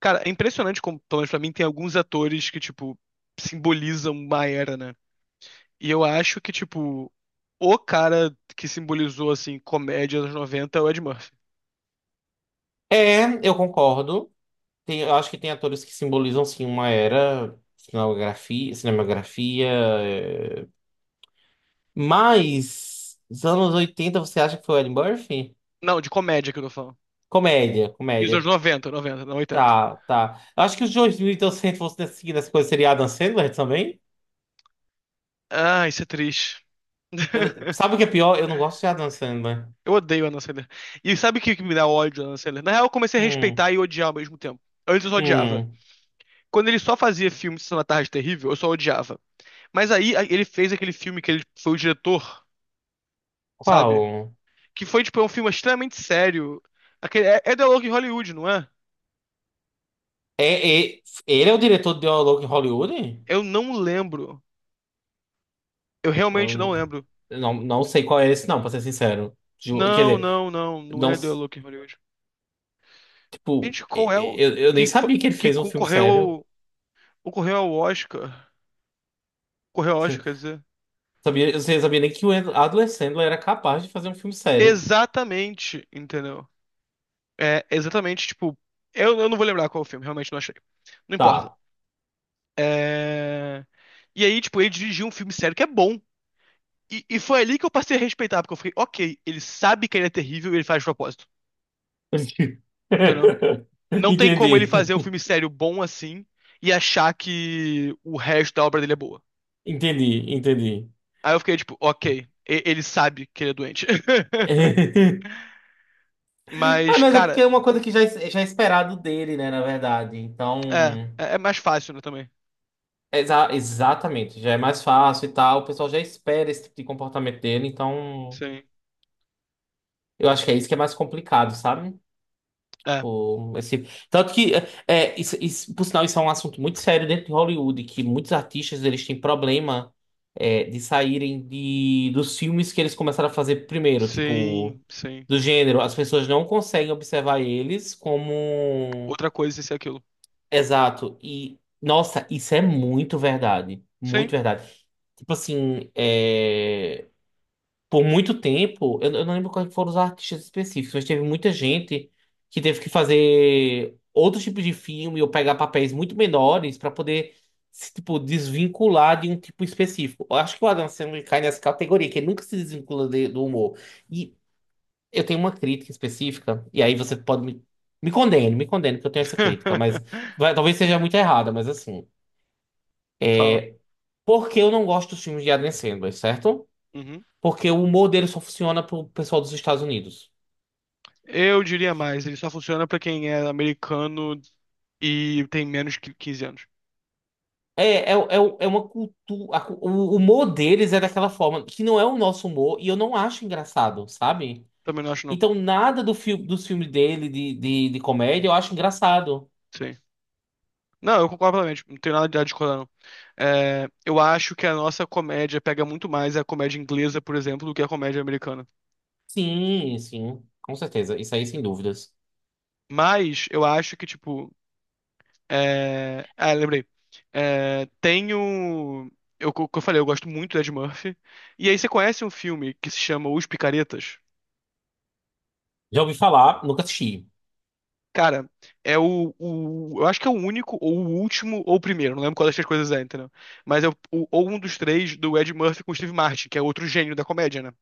Cara, é impressionante como, pelo menos pra mim, tem alguns atores que, tipo, simbolizam uma era, né? E eu acho que, tipo, o cara que simbolizou, assim, comédia dos anos 90 é o Ed Murphy. Eu concordo. Eu acho que tem atores que simbolizam, sim, uma era, cinematografia. Mas os anos 80, você acha que foi o Eddie Murphy? Não, de comédia que eu tô falando. Comédia, E os anos comédia. 90, 90, não 80. Tá, tá. Eu acho que os 2200 fossem seguir nessa coisa, seria Adam Sandler também? Ah, isso é triste. Sabe o que é pior? Eu não gosto de Adam Sandler. Eu odeio a Anna Sandler. E sabe o que que me dá ódio da Anna Sandler? Na real, eu comecei a Hum, respeitar e odiar ao mesmo tempo. Antes eu só odiava. hum. Quando ele só fazia filme de Sessão da Tarde Terrível, eu só odiava. Mas aí ele fez aquele filme que ele foi o diretor, sabe? Qual? Que foi, tipo, é um filme extremamente sério. Aquele, é The Log Hollywood, não é? É, é- Ele é o diretor de Dialog em Hollywood? Eu não lembro. Eu realmente não Hum, lembro. não, não sei qual é esse, não, pra ser sincero. Quer Não, dizer, não, não. Não não. é The Log Hollywood. Tipo, Gente, qual e- é e- o... eu, eu nem Que, sabia que ele que fez um filme concorreu sério. ao... Concorreu ao Oscar. Correu ao Oscar, quer dizer. Sabia, eu não sabia nem que o Adam Sandler era capaz de fazer um filme sério. Exatamente, entendeu? É, exatamente, tipo... Eu não vou lembrar qual é o filme, realmente não achei. Não importa. Tá. É... E aí, tipo, ele dirigiu um filme sério que é bom. E foi ali que eu passei a respeitar, porque eu fiquei, ok, ele sabe que ele é terrível e ele faz de propósito. Entendeu? Não tem como ele Entendi. fazer um filme sério bom assim e achar que o resto da obra dele é boa. Entendi, entendi. Aí eu fiquei tipo, ok, ele sabe que ele é doente. Ah, Mas, mas é porque cara, é uma coisa que já, já é esperado dele, né, na verdade. Então. é mais fácil, né, também. Exatamente, já é mais fácil e tal. O pessoal já espera esse tipo de comportamento dele, então. Sim, Eu acho que é isso que é mais complicado, sabe? é, Pô, esse. Tanto que, isso, por sinal, isso é um assunto muito sério dentro de Hollywood, que muitos artistas eles têm problema de saírem dos filmes que eles começaram a fazer primeiro, tipo, sim, sim. do gênero. As pessoas não conseguem observar eles como. Outra coisa, isso e aquilo. Exato. E, nossa, isso é muito verdade. Muito Sim. verdade. Tipo assim, por muito tempo, eu não lembro quais foram os artistas específicos, mas teve muita gente que teve que fazer outros tipos de filme ou pegar papéis muito menores para poder se, tipo, desvincular de um tipo específico. Eu acho que o Adam Sandler cai nessa categoria, que ele nunca se desvincula do humor. E eu tenho uma crítica específica, e aí você pode me condene, me condene, que eu tenho essa crítica, mas talvez seja muito errada, mas assim. Fala. Porque eu não gosto dos filmes de Adam Sandler, certo? Uhum. Porque o humor dele só funciona pro pessoal dos Estados Unidos. Eu diria mais, ele só funciona pra quem é americano e tem menos que 15 anos. É uma cultura. O humor deles é daquela forma, que não é o nosso humor, e eu não acho engraçado, sabe? Também não acho, não. Então, nada dos filmes dele de comédia eu acho engraçado. Sim. Não, eu concordo plenamente, não tenho nada de discordar, não. É, eu acho que a nossa comédia pega muito mais a comédia inglesa, por exemplo, do que a comédia americana. Sim, sim, com certeza. Isso aí, sem dúvidas. Mas eu acho que, tipo. Ah, lembrei. É, tenho. Que eu falei, eu gosto muito do Ed Murphy. E aí você conhece um filme que se chama Os Picaretas? Já ouvi falar, nunca assisti. Cara, é o. Eu acho que é o único, ou o último, ou o primeiro. Não lembro qual das três coisas é, entendeu? Mas é ou um dos três do Ed Murphy com o Steve Martin, que é outro gênio da comédia, né?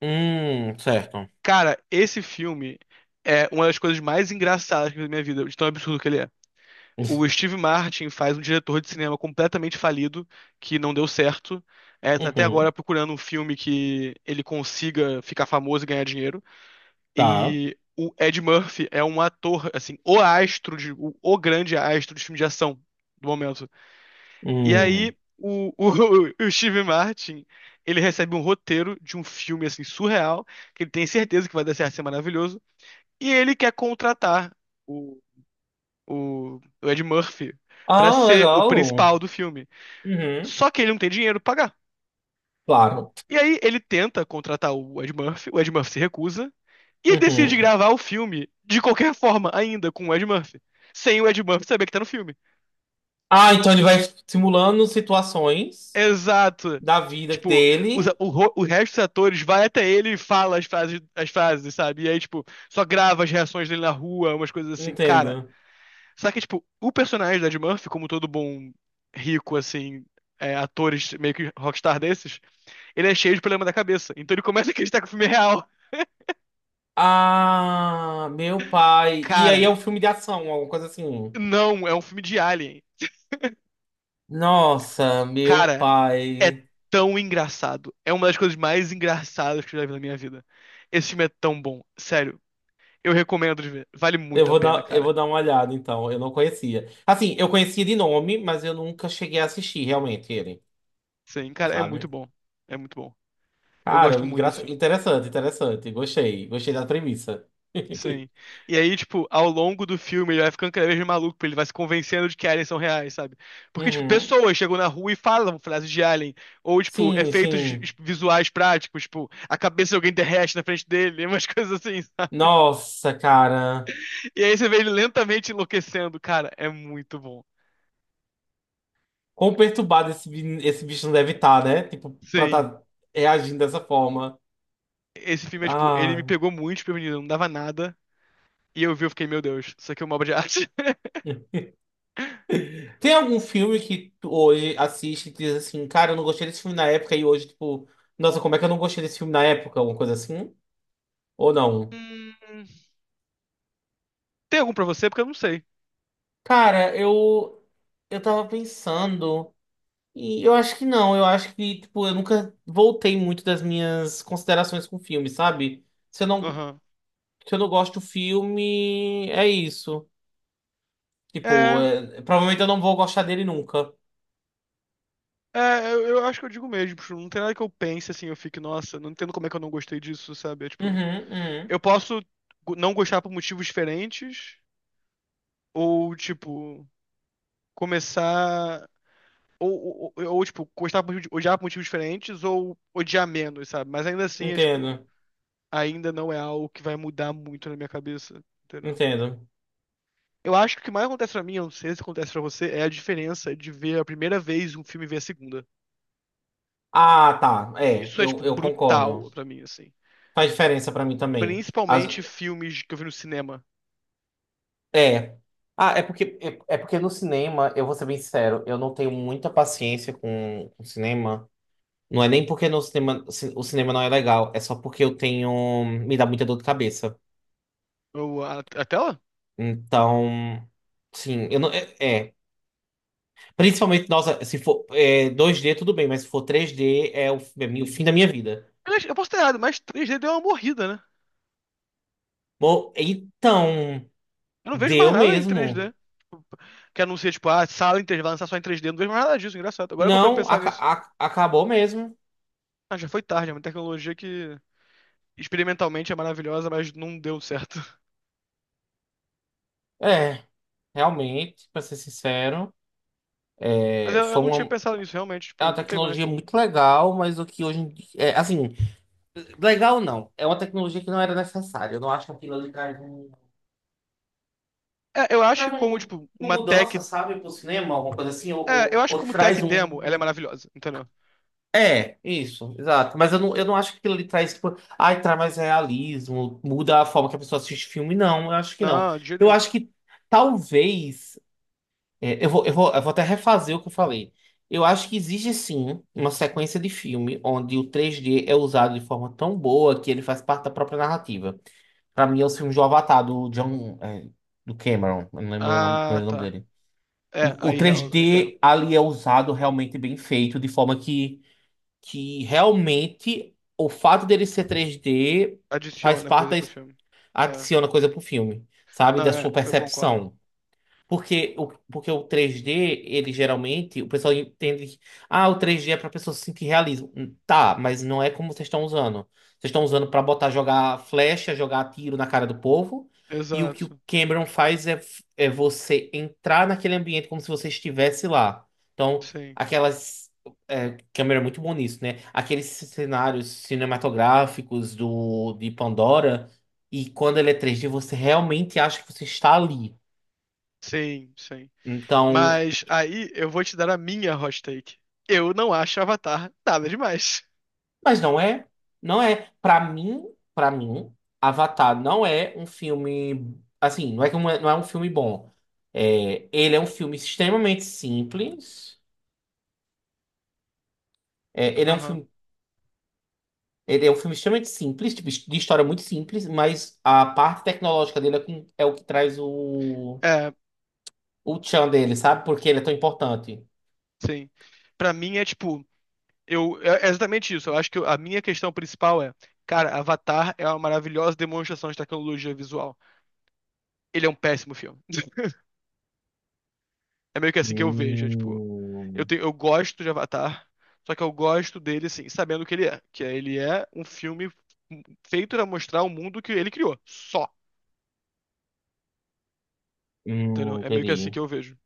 Certo. Cara, esse filme é uma das coisas mais engraçadas que eu vi na minha vida, de tão absurdo que ele é. O Steve Martin faz um diretor de cinema completamente falido, que não deu certo. É, tá até agora Uhum, procurando um filme que ele consiga ficar famoso e ganhar dinheiro. tá. E o Ed Murphy é um ator, assim, o astro, de, o grande astro de filme de ação do momento. E Hum. aí, o Steve Martin, ele recebe um roteiro de um filme, assim, surreal, que ele tem certeza que vai dar certo, ser maravilhoso. E ele quer contratar o, o Ed Murphy pra Ah, ser o legal. principal do filme. Uhum, Só que ele não tem dinheiro pra pagar. claro. E aí ele tenta contratar o Ed Murphy se recusa, e ele decide Uhum. gravar o filme de qualquer forma, ainda com o Ed Murphy. Sem o Ed Murphy saber que tá no filme. Ah, então ele vai simulando situações Exato. da vida Tipo, dele. O resto dos atores vai até ele e fala as frases, sabe? E aí, tipo, só grava as reações dele na rua, umas coisas assim. Cara, Entendo. só que, tipo, o personagem do Ed Murphy, como todo bom rico, assim, atores meio que rockstar desses, ele é cheio de problema da cabeça. Então ele começa a acreditar que o filme é real. Ah, meu pai. E aí é Cara, um filme de ação, alguma coisa assim. não, é um filme de Alien. Nossa, meu Cara, é pai. tão engraçado. É uma das coisas mais engraçadas que eu já vi na minha vida. Esse filme é tão bom. Sério, eu recomendo de ver. Vale Eu muito a vou pena, dar, eu cara. vou dar uma olhada, então. Eu não conhecia. Assim, eu conhecia de nome, mas eu nunca cheguei a assistir realmente ele, Sim, cara, é muito sabe? bom. É muito bom. Eu Cara, gosto muito desse filme. interessante, interessante. Gostei, gostei da premissa. Sim. E aí, tipo, ao longo do filme, ele vai ficando cada vez mais maluco, porque ele vai se convencendo de que aliens são reais, sabe? Porque, tipo, Uhum. pessoas chegam na rua e falam frases de alien, ou, tipo, Sim, efeitos sim. visuais práticos, tipo, a cabeça de alguém derrete na frente dele, umas coisas assim, sabe? Nossa, cara. E aí você vê ele lentamente enlouquecendo, cara, é muito bom. Quão perturbado esse bicho não deve estar, né? Tipo, pra Sim. estar reagindo dessa forma. Esse filme é, tipo, ele me Ah. pegou muito desprevenido, não dava nada, e eu vi, eu fiquei, meu Deus, isso aqui é uma obra de arte. Tem algum filme que tu hoje assiste e diz assim, cara, eu não gostei desse filme na época e hoje, tipo, nossa, como é que eu não gostei desse filme na época? Alguma coisa assim? Ou não? Hum, Tem algum pra você? Porque eu não sei. Cara, eu tava pensando e eu acho que não, eu acho que, tipo, eu nunca voltei muito das minhas considerações com o filme, sabe? Se eu não, Aham. se eu não gosto do filme, é isso. Tipo, É. Provavelmente eu não vou gostar dele nunca. É, eu acho que eu digo mesmo, tipo, não tem nada que eu pense assim, eu fique, nossa, não entendo como é que eu não gostei disso, sabe? É, tipo, Uhum, eu uhum. posso não gostar por motivos diferentes, ou, tipo, começar. Ou, tipo, gostar por, odiar por motivos diferentes, ou odiar menos, sabe? Mas ainda assim, é, tipo, Entendo, ainda não é algo que vai mudar muito na minha cabeça, entendeu? entendo. Eu acho que o que mais acontece pra mim, eu não sei se acontece pra você, é a diferença de ver a primeira vez um filme e ver a segunda. Ah, tá. É, Isso é, eu, tipo, eu brutal concordo. pra mim, assim. Faz diferença pra mim também. Principalmente filmes que eu vi no cinema. É. Ah, é porque, porque no cinema, eu vou ser bem sincero, eu não tenho muita paciência com o cinema. Não é nem porque no cinema, o cinema não é legal, é só porque eu tenho. Me dá muita dor de cabeça. A tela? Então, sim, eu não. É. é. Principalmente, nossa, se for 2D tudo bem, mas se for 3D é o fim da minha vida. Aliás, eu posso ter errado, mas 3D deu uma morrida, né? Bom, então, Eu não vejo mais deu nada em mesmo. 3D. Que anuncia, tipo, ah, sala em 3D, vai lançar só em 3D. Eu não vejo mais nada disso, engraçado. Agora que eu parei pra Não, pensar nisso. Acabou mesmo. Ah, já foi tarde, é uma tecnologia que experimentalmente é maravilhosa, mas não deu certo. É. Realmente, para ser sincero, Mas eu foi não tinha uma, pensado nisso, realmente, é uma tipo, não tem tecnologia mais. muito legal, mas o que hoje em dia, assim, legal não, é uma tecnologia que não era necessária. Eu não acho que aquilo ali traz, um, É, eu acho que traz como, tipo, uma uma mudança, tech. sabe, para o cinema, alguma coisa assim, É, eu acho que ou como tech traz demo, ela é um. maravilhosa, entendeu? É, isso, exato. Mas eu não acho que aquilo ali traz, tipo, ai, traz mais realismo, muda a forma que a pessoa assiste filme, não, eu acho que não. Não, de jeito Eu nenhum. acho que talvez. É, eu vou até refazer o que eu falei. Eu acho que existe sim uma sequência de filme onde o 3D é usado de forma tão boa que ele faz parte da própria narrativa. Pra mim, é os filmes do Avatar, do John, do Cameron, eu não lembro o Ah, primeiro nome tá. dele. É, O aí eu entendo. 3D ali é usado realmente bem feito, de forma que realmente o fato dele ser 3D faz Adiciona parte coisa da, pro filme. É. adiciona coisa pro filme, sabe? Não, Da sua eu concordo. percepção. Porque o 3D, ele geralmente, o pessoal entende que, ah, o 3D é pra pessoa se sentir realismo. Tá, mas não é como vocês estão usando. Vocês estão usando pra botar, jogar flecha, jogar tiro na cara do povo. E o que o Exato. Cameron faz é você entrar naquele ambiente como se você estivesse lá. Então, Sim. aquelas. É, Cameron é muito bom nisso, né? Aqueles cenários cinematográficos de Pandora. E quando ele é 3D, você realmente acha que você está ali. Sim, sim. Então. Mas aí eu vou te dar a minha hot take. Eu não acho Avatar nada demais. Mas não é, não é. Para mim, Avatar não é um filme assim, não é que não é um filme bom. É, ele é um filme extremamente simples. É, ele é um Aham. filme, ele é um filme extremamente simples, tipo, de história muito simples, mas a parte tecnológica dele é, é o que traz o É, O tchan dele, sabe? Por que ele é tão importante. sim. Pra mim é tipo, é exatamente isso. Eu acho que a minha questão principal é, cara, Avatar é uma maravilhosa demonstração de tecnologia visual. Ele é um péssimo filme. É meio que assim que eu vejo, tipo. Eu, Hum, tenho, eu gosto de Avatar, só que eu gosto dele, assim, sabendo o que ele é. Que é, ele é um filme feito pra mostrar o mundo que ele criou. Só. Entendeu? É meio que assim que entendi. eu vejo.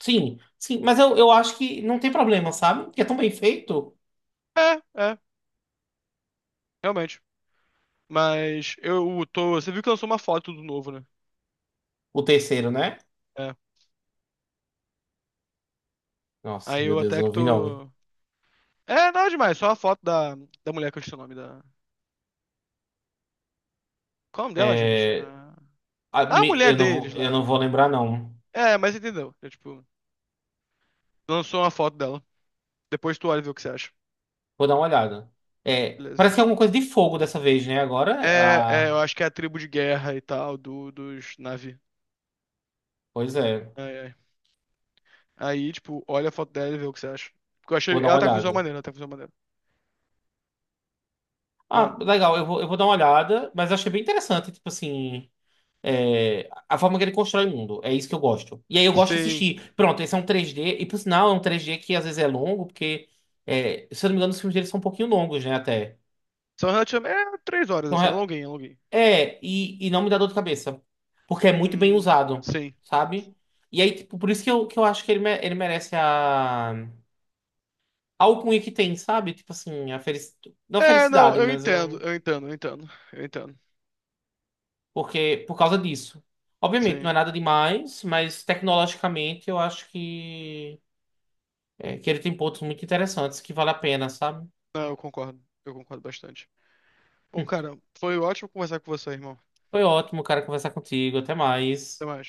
Sim, sim, mas eu acho que não tem problema, sabe? Porque é tão bem feito. É, é, realmente. Mas eu tô. Você viu que lançou uma foto do novo, né? O terceiro, né? É. Nossa, Aí meu eu Deus, até eu que não vi não. tô. É, nada demais, só a foto da mulher que eu esqueci o nome da. Qual é o nome dela, gente? É, A... a mulher deles eu lá. não vou lembrar não. É, mas entendeu. É, tipo, lançou uma foto dela. Depois tu olha e vê o que você acha. Vou dar uma olhada. É, Beleza. parece que é alguma coisa de fogo dessa vez, né? Agora, É, ah, eu acho que é a tribo de guerra e tal, dos Na'vi. pois é. Ai, ai. Aí, tipo, olha a foto dela e vê o que você acha. Porque eu Vou achei. dar Ela uma tá com visual olhada. maneiro, ela tá com visual maneiro. Bom, Ah, legal, eu vou dar uma olhada, mas eu achei bem interessante, tipo assim, a forma que ele constrói o mundo. É isso que eu gosto. E aí eu gosto de sim. assistir. Pronto, esse é um 3D e por sinal é um 3D que às vezes é longo, porque, se eu não me engano, os filmes dele são um pouquinho longos, né, até. São relativamente. É 3 horas, Então, assim, é longuinho, é longuinho. Não me dá dor de cabeça, porque é muito bem Hum, usado, sim. sabe? E aí, tipo, por isso que que eu acho que ele, ele merece a algo alcunha que tem, sabe? Tipo assim, não a É, não, felicidade, eu mas entendo, eu entendo, eu entendo, eu entendo. porque por causa disso. Obviamente, não é Sim. nada demais, mas tecnologicamente eu acho que, que ele tem pontos muito interessantes que vale a pena, sabe? Não, eu concordo bastante. Bom, Hum, cara, foi ótimo conversar com você, irmão. Foi ótimo, cara, conversar contigo. Até Até mais. mais.